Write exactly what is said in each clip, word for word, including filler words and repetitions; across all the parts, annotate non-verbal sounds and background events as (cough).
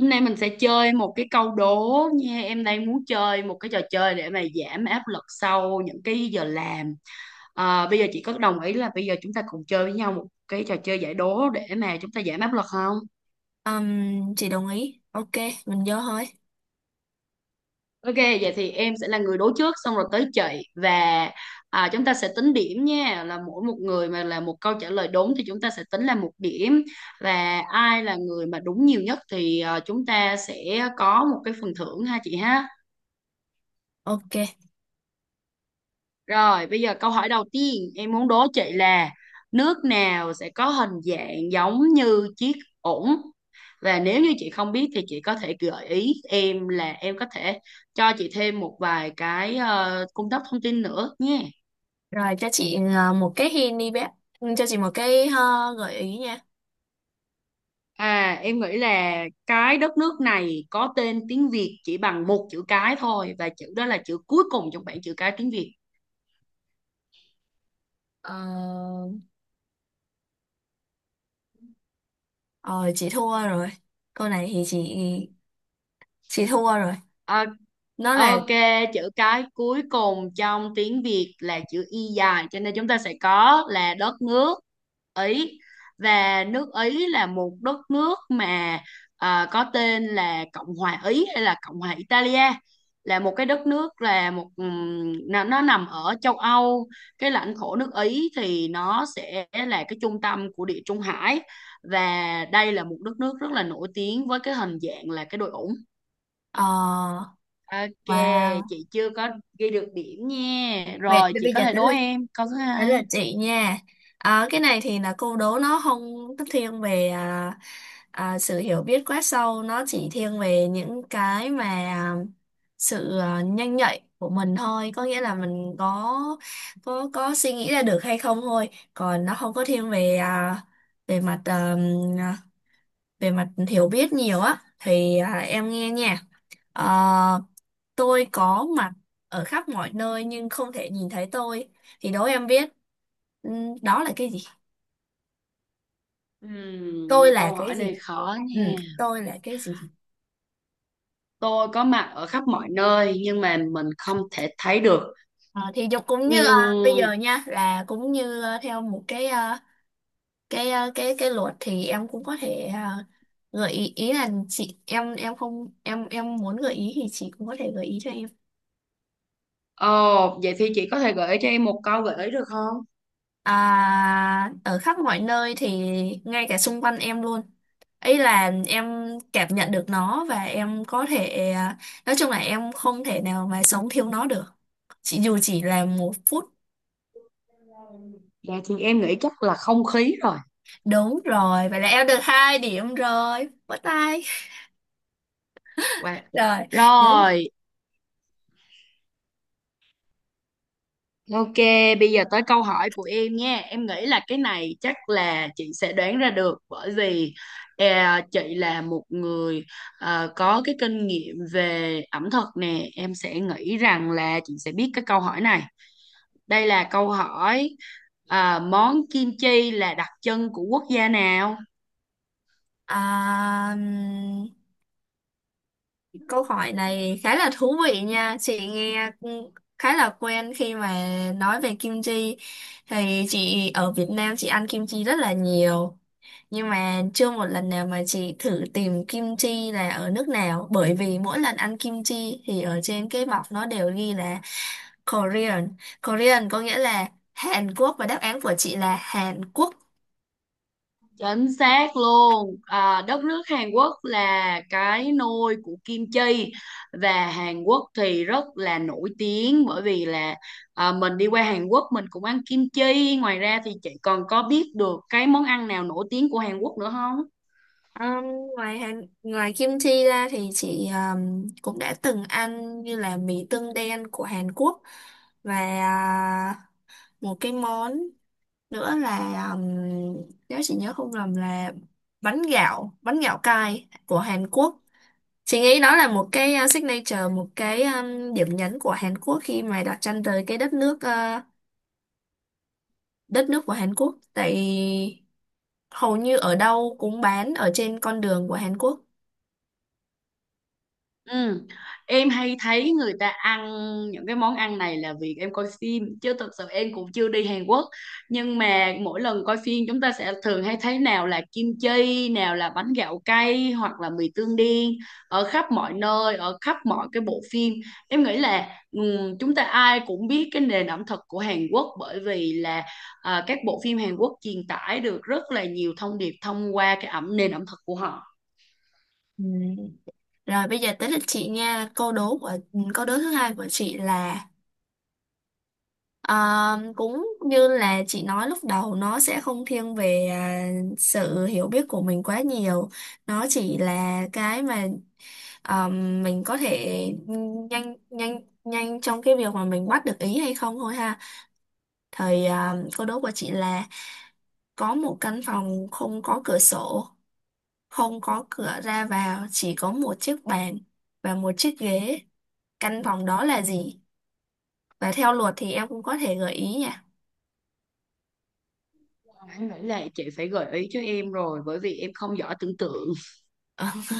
Hôm nay mình sẽ chơi một cái câu đố nha. Em đang muốn chơi một cái trò chơi để mà giảm áp lực sau những cái giờ làm. À, bây giờ chị có đồng ý là bây giờ chúng ta cùng chơi với nhau một cái trò chơi giải đố để mà chúng ta giảm áp lực không? Ừm, chị đồng ý. Ok, mình vô thôi. Ok, vậy thì em sẽ là người đố trước xong rồi tới chị và à, chúng ta sẽ tính điểm nha. Là mỗi một người mà là một câu trả lời đúng thì chúng ta sẽ tính là một điểm, và ai là người mà đúng nhiều nhất thì à, chúng ta sẽ có một cái phần thưởng ha chị ha. Ok. Rồi, bây giờ câu hỏi đầu tiên em muốn đố chị là nước nào sẽ có hình dạng giống như chiếc ổn? Và nếu như chị không biết thì chị có thể gợi ý em là em có thể cho chị thêm một vài cái ờ, cung cấp thông tin nữa nhé. Rồi cho chị ờ, một cái hint đi bé. Ừ, cho chị một cái ờ, gợi ý nha. À, em nghĩ là cái đất nước này có tên tiếng Việt chỉ bằng một chữ cái thôi và chữ đó là chữ cuối cùng trong bảng chữ cái tiếng Việt. Ờ, ờ, chị thua rồi. Câu này thì chị chị thua rồi. Ờ, Nó là ok, chữ cái cuối cùng trong tiếng Việt là chữ Y dài, cho nên chúng ta sẽ có là đất nước Ý. Và nước Ý là một đất nước mà à, có tên là Cộng hòa Ý hay là Cộng hòa Italia. Là một cái đất nước, là một ừm, nó, nó nằm ở châu Âu. Cái lãnh thổ nước Ý thì nó sẽ là cái trung tâm của Địa Trung Hải, và đây là một đất nước rất là nổi tiếng với cái hình dạng là cái đồi ủng. ờ Ok, wow. chị chưa có ghi được điểm nha. Vậy Rồi, thì chị bây có giờ thể tới đố lượt, em câu thứ đấy là hai. chị nha. Ờ, cái này thì là câu đố nó không thiên về à, à, sự hiểu biết quá sâu, nó chỉ thiên về những cái mà à, sự à, nhanh nhạy của mình thôi, có nghĩa là mình có có có suy nghĩ ra được hay không thôi, còn nó không có thiên về à, về mặt à, về mặt hiểu biết nhiều á. Thì à, em nghe nha. Ờ, tôi có mặt ở khắp mọi nơi nhưng không thể nhìn thấy tôi. Thì đố em biết, ừm, đó là cái gì? Tôi Ừm, là Câu hỏi cái gì? này khó Ừ, nha. tôi là cái gì? Tôi có mặt ở khắp mọi nơi nhưng mà mình không thể thấy được. Ờ, thì dục cũng như à, bây Ừm, giờ nha là cũng như à, theo một cái à, cái à, cái cái luật thì em cũng có thể à, gợi ý, ý là chị em em không em em muốn gợi ý thì chị cũng có thể gợi ý cho em. Ồ, vậy thì chị có thể gợi ý cho em một câu gợi ý được không? À, ở khắp mọi nơi thì ngay cả xung quanh em luôn. Ý là em cảm nhận được nó và em có thể à, nói chung là em không thể nào mà sống thiếu nó được. Chỉ dù chỉ là một phút. Dạ thì em nghĩ chắc là không khí rồi. Đúng rồi, vậy là em được hai điểm rồi. Bắt tay. (laughs) Wow. Rồi. Đấy. Rồi, ok, bây giờ tới câu hỏi của em nha. Em nghĩ là cái này chắc là chị sẽ đoán ra được, bởi vì à, chị là một người à, có cái kinh nghiệm về ẩm thực nè. Em sẽ nghĩ rằng là chị sẽ biết cái câu hỏi này. Đây là câu hỏi, à, món kim chi là đặc trưng của quốc gia nào? À, ừm, câu hỏi này khá là thú vị nha. Chị nghe cũng khá là quen khi mà nói về kim chi. Thì chị ở Việt Nam chị ăn kim chi rất là nhiều. Nhưng mà chưa một lần nào mà chị thử tìm kim chi là ở nước nào, bởi vì mỗi lần ăn kim chi thì ở trên cái bọc nó đều ghi là Korean. Korean có nghĩa là Hàn Quốc và đáp án của chị là Hàn Quốc. Chính xác luôn. À, đất nước Hàn Quốc là cái nôi của kim chi, và Hàn Quốc thì rất là nổi tiếng bởi vì là à, mình đi qua Hàn Quốc mình cũng ăn kim chi. Ngoài ra thì chị còn có biết được cái món ăn nào nổi tiếng của Hàn Quốc nữa không? Ừm, Ngoài Hàn, ngoài kim chi ra thì chị ừm, cũng đã từng ăn như là mì tương đen của Hàn Quốc và à, một cái món nữa là ừm, nếu chị nhớ không lầm là bánh gạo, bánh gạo cay của Hàn Quốc. Chị nghĩ đó là một cái uh, signature, một cái um, điểm nhấn của Hàn Quốc khi mà đặt chân tới cái đất nước uh, đất nước của Hàn Quốc. Tại hầu như ở đâu cũng bán ở trên con đường của Hàn Quốc. Ừ. Em hay thấy người ta ăn những cái món ăn này là vì em coi phim, chứ thực sự em cũng chưa đi Hàn Quốc. Nhưng mà mỗi lần coi phim chúng ta sẽ thường hay thấy nào là kim chi, nào là bánh gạo cay, hoặc là mì tương đen, ở khắp mọi nơi, ở khắp mọi cái bộ phim. Em nghĩ là ừ, chúng ta ai cũng biết cái nền ẩm thực của Hàn Quốc, bởi vì là à, các bộ phim Hàn Quốc truyền tải được rất là nhiều thông điệp thông qua cái ẩm nền ẩm thực của họ. Ừm. Rồi bây giờ tới lượt chị nha. Câu đố của ừ, câu đố thứ hai của chị là um, cũng như là chị nói lúc đầu, nó sẽ không thiên về uh, sự hiểu biết của mình quá nhiều. Nó chỉ là cái mà ờ, mình có thể nhanh nhanh nhanh trong cái việc mà mình bắt được ý hay không thôi ha. Thời ờ, câu đố của chị là có một căn phòng không có cửa sổ, không có cửa ra vào, chỉ có một chiếc bàn và một chiếc ghế. Căn phòng đó là gì? Và theo luật thì em cũng có thể gợi ý nha. Đáng lẽ là chị phải gợi ý cho em rồi bởi vì em không giỏi tưởng tượng. (laughs)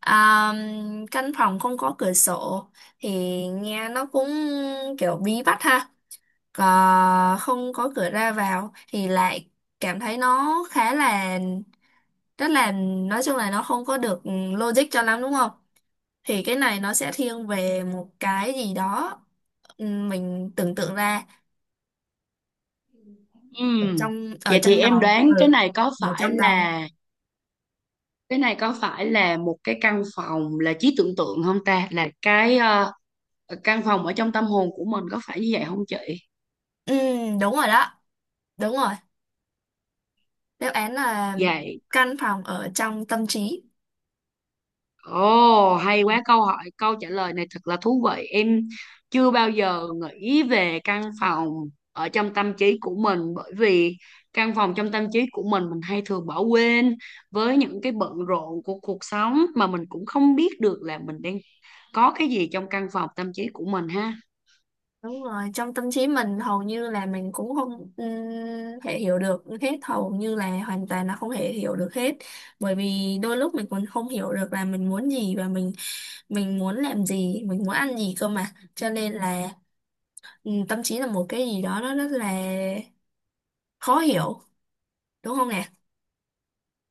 Ờ. À, căn phòng không có cửa sổ thì nghe nó cũng kiểu bí bách ha, có- không có cửa ra vào thì lại cảm thấy nó khá là rất là nói chung là nó không có được ừ, logic cho lắm, đúng không? Thì cái này nó sẽ thiên về một cái gì đó ừ, mình tưởng tượng ra ở Ừm, trong ở Vậy trong thì em đầu, đoán ừ, cái này có ở phải trong đầu. là cái này có phải là một cái căn phòng là trí tưởng tượng không ta? Là cái ờ, căn phòng ở trong tâm hồn của mình, có phải như vậy không chị? ừ, Đúng rồi đó, đúng rồi, đáp án là Dạ. căn phòng ở trong tâm trí. Ồ, hay quá câu hỏi, câu trả lời này thật là thú vị. Em chưa bao giờ nghĩ về căn phòng ở trong tâm trí của mình, bởi vì căn phòng trong tâm trí của mình mình hay thường bỏ quên với những cái bận rộn của cuộc sống, mà mình cũng không biết được là mình đang có cái gì trong căn phòng tâm trí của mình ha. Đúng rồi, trong tâm trí mình hầu như là mình cũng không ừm, thể hiểu được hết, hầu như là hoàn toàn là không thể hiểu được hết. Bởi vì đôi lúc mình còn không hiểu được là mình muốn gì và mình mình muốn làm gì, mình muốn ăn gì cơ mà. Cho nên là ừm, tâm trí là một cái gì đó nó rất là khó hiểu, đúng không nè?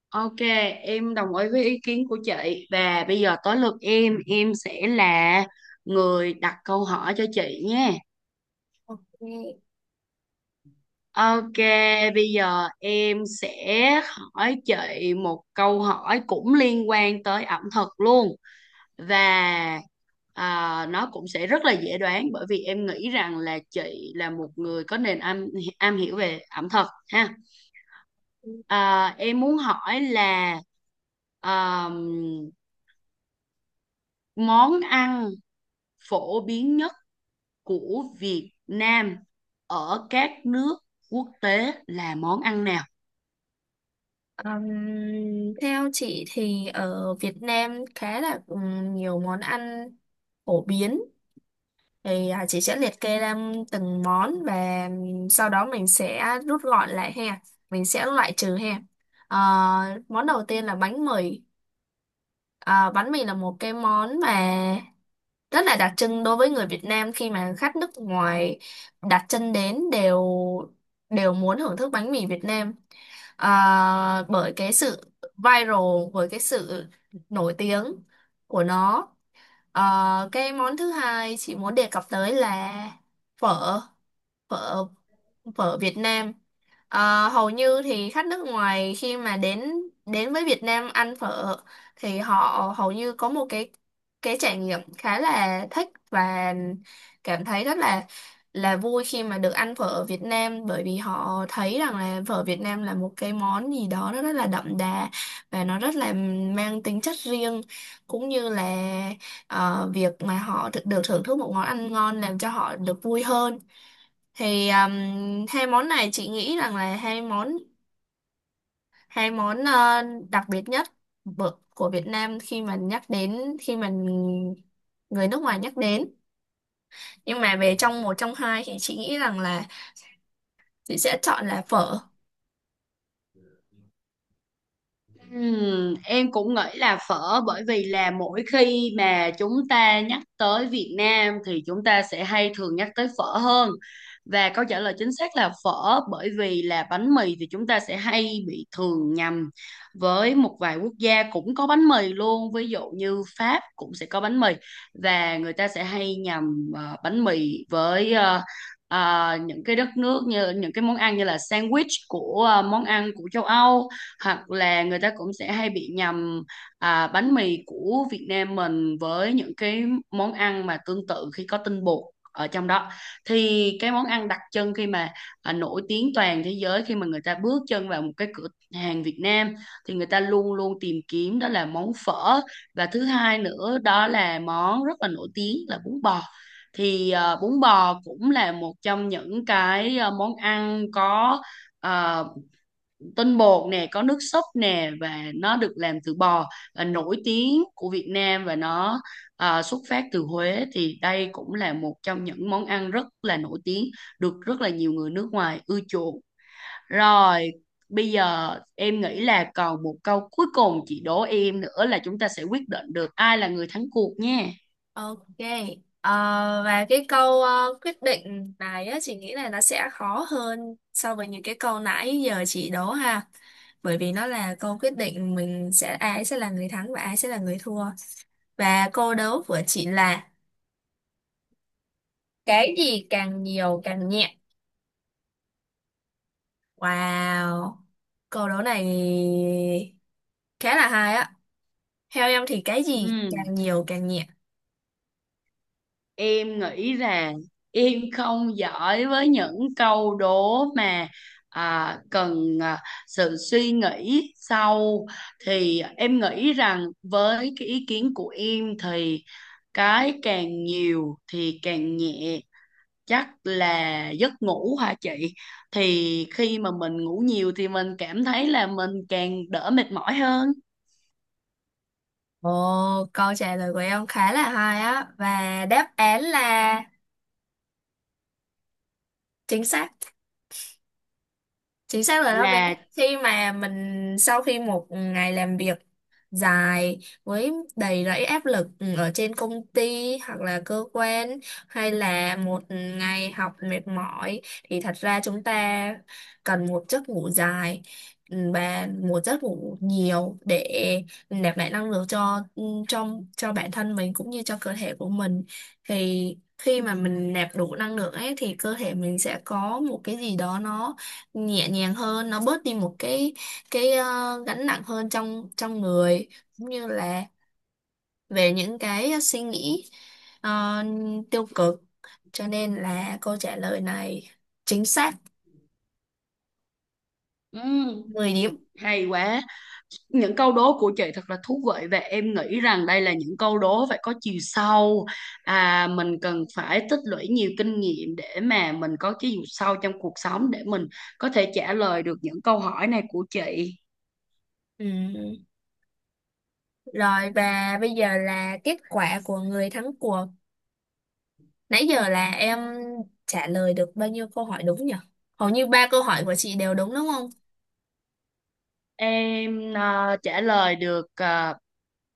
Ok, em đồng ý với ý kiến của chị, và bây giờ tới lượt em, em sẽ là người đặt câu hỏi cho chị nhé. Ok. Ok, bây giờ em sẽ hỏi chị một câu hỏi cũng liên quan tới ẩm thực luôn, và à, nó cũng sẽ rất là dễ đoán, bởi vì em nghĩ rằng là chị là một người có nền am am hiểu về ẩm thực ha. À, em muốn hỏi là à, món ăn phổ biến nhất của Việt Nam ở các nước quốc tế là món ăn nào? Ừm, theo chị thì ở Việt Nam khá là ừm, nhiều món ăn phổ biến, thì à, chị sẽ liệt kê ra từng món và sau đó mình sẽ rút gọn lại ha, mình sẽ loại trừ ha. Ờ, Món đầu tiên là bánh mì. Ờ, bánh mì là một cái món mà rất là đặc trưng đối với người Việt Nam, khi mà khách nước ngoài đặt chân đến đều đều muốn thưởng thức bánh mì Việt Nam. Ờ, bởi cái sự viral, bởi cái sự nổi tiếng của nó. Ờ, cái món thứ hai chị muốn đề cập tới là phở phở phở Việt Nam. Ờ, hầu như thì khách nước ngoài khi mà đến đến với Việt Nam ăn phở thì họ hầu như có một cái cái trải nghiệm khá là thích và cảm thấy rất là là vui khi mà được ăn phở ở Việt Nam, bởi vì họ thấy rằng là phở Việt Nam là một cái món gì đó nó rất là đậm đà và nó rất là mang tính chất riêng, cũng như là ờ, việc mà họ được, được thưởng thức một món ăn ngon làm cho họ được vui hơn. Thì um, hai món này chị nghĩ rằng là hai món hai món ờ, đặc biệt nhất bở- của Việt Nam khi mà nhắc đến, khi mà người nước ngoài nhắc đến, nhưng mà về trong một trong hai thì chị nghĩ rằng là chị sẽ chọn là phở. Ừm, em cũng nghĩ là phở, bởi vì là mỗi khi mà chúng ta nhắc tới Việt Nam thì chúng ta sẽ hay thường nhắc tới phở hơn, và câu trả lời chính xác là phở. Bởi vì là bánh mì thì chúng ta sẽ hay bị thường nhầm với một vài quốc gia cũng có bánh mì luôn, ví dụ như Pháp cũng sẽ có bánh mì, và người ta sẽ hay nhầm ờ, bánh mì với ờ, ờ, những cái đất nước, như những cái món ăn như là sandwich của ờ, món ăn của châu Âu. Hoặc là người ta cũng sẽ hay bị nhầm à, bánh mì của Việt Nam mình với những cái món ăn mà tương tự khi có tinh bột ở trong đó. Thì cái món ăn đặc trưng khi mà à, nổi tiếng toàn thế giới, khi mà người ta bước chân vào một cái cửa hàng Việt Nam, thì người ta luôn luôn tìm kiếm đó là món phở. Và thứ hai nữa, đó là món rất là nổi tiếng là bún bò. Thì ờ, bún bò cũng là một trong những cái ờ, món ăn có ờ, tinh bột nè, có nước súp nè, và nó được làm từ bò, là nổi tiếng của Việt Nam, và nó à, xuất phát từ Huế. Thì đây cũng là một trong những món ăn rất là nổi tiếng, được rất là nhiều người nước ngoài ưa chuộng. Rồi, bây giờ em nghĩ là còn một câu cuối cùng chị đố em nữa là chúng ta sẽ quyết định được ai là người thắng cuộc nha. Ok. Ờ, và cái câu ờ, quyết định này á, chị nghĩ là nó sẽ khó hơn so với những cái câu nãy giờ chị đố ha, bởi vì nó là câu quyết định mình sẽ ai sẽ là người thắng và ai sẽ là người thua. Và câu đố của chị là: cái gì càng nhiều càng nhẹ. Wow. Câu đố này khá là hay á. Theo em thì cái gì Ừ, càng nhiều càng nhẹ. em nghĩ rằng em không giỏi với những câu đố mà à, cần à, sự suy nghĩ sâu. Thì em nghĩ rằng với cái ý kiến của em thì cái càng nhiều thì càng nhẹ chắc là giấc ngủ hả chị. Thì khi mà mình ngủ nhiều thì mình cảm thấy là mình càng đỡ mệt mỏi hơn Ồ, câu trả lời của em khá là hay á. Và đáp án là chính xác. Chính xác là đó bé, là khi mà mình sau khi một ngày làm việc dài với đầy rẫy áp lực, ừ, ở trên công ty hoặc là cơ quan hay là một ngày học mệt mỏi, thì thật ra chúng ta cần một giấc ngủ dài, ừ, và một giấc ngủ nhiều để nạp lại năng lượng cho trong cho bản thân mình cũng như cho cơ thể của mình. Thì khi mà mình nạp đủ năng lượng ấy thì cơ thể mình sẽ có một cái gì đó nó nhẹ nhàng hơn, nó bớt đi một cái cái ờ, gánh nặng hơn trong trong người, cũng như là về những cái suy nghĩ ờ, tiêu cực. Cho nên là câu trả lời này chính xác, ừ, mười điểm. hay quá. Những câu đố của chị thật là thú vị, và em nghĩ rằng đây là những câu đố phải có chiều sâu. À, mình cần phải tích lũy nhiều kinh nghiệm để mà mình có chiều sâu trong cuộc sống, để mình có thể trả lời được những câu hỏi này của chị. Ừ. Rồi và bây giờ là kết quả của người thắng cuộc. Nãy giờ là em trả lời được bao nhiêu câu hỏi đúng nhỉ? Hầu như ba câu hỏi của chị đều đúng đúng không? Em à, trả lời được à,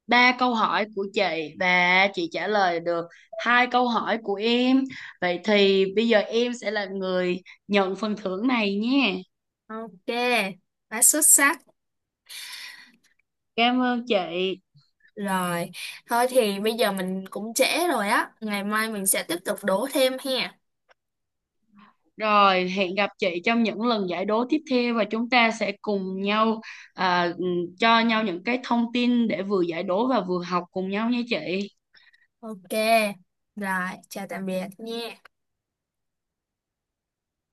ba câu hỏi của chị, và chị trả lời được hai câu hỏi của em. Vậy thì bây giờ em sẽ là người nhận phần thưởng này nhé. Ok, quá xuất sắc. Cảm ơn chị. Rồi, thôi thì bây giờ mình cũng trễ rồi á, ngày mai mình sẽ tiếp tục đố thêm ha. Rồi, hẹn gặp chị trong những lần giải đố tiếp theo, và chúng ta sẽ cùng nhau à, ừ, cho nhau những cái thông tin để vừa giải đố và vừa học cùng nhau nha chị. Ok, rồi, chào tạm biệt nha.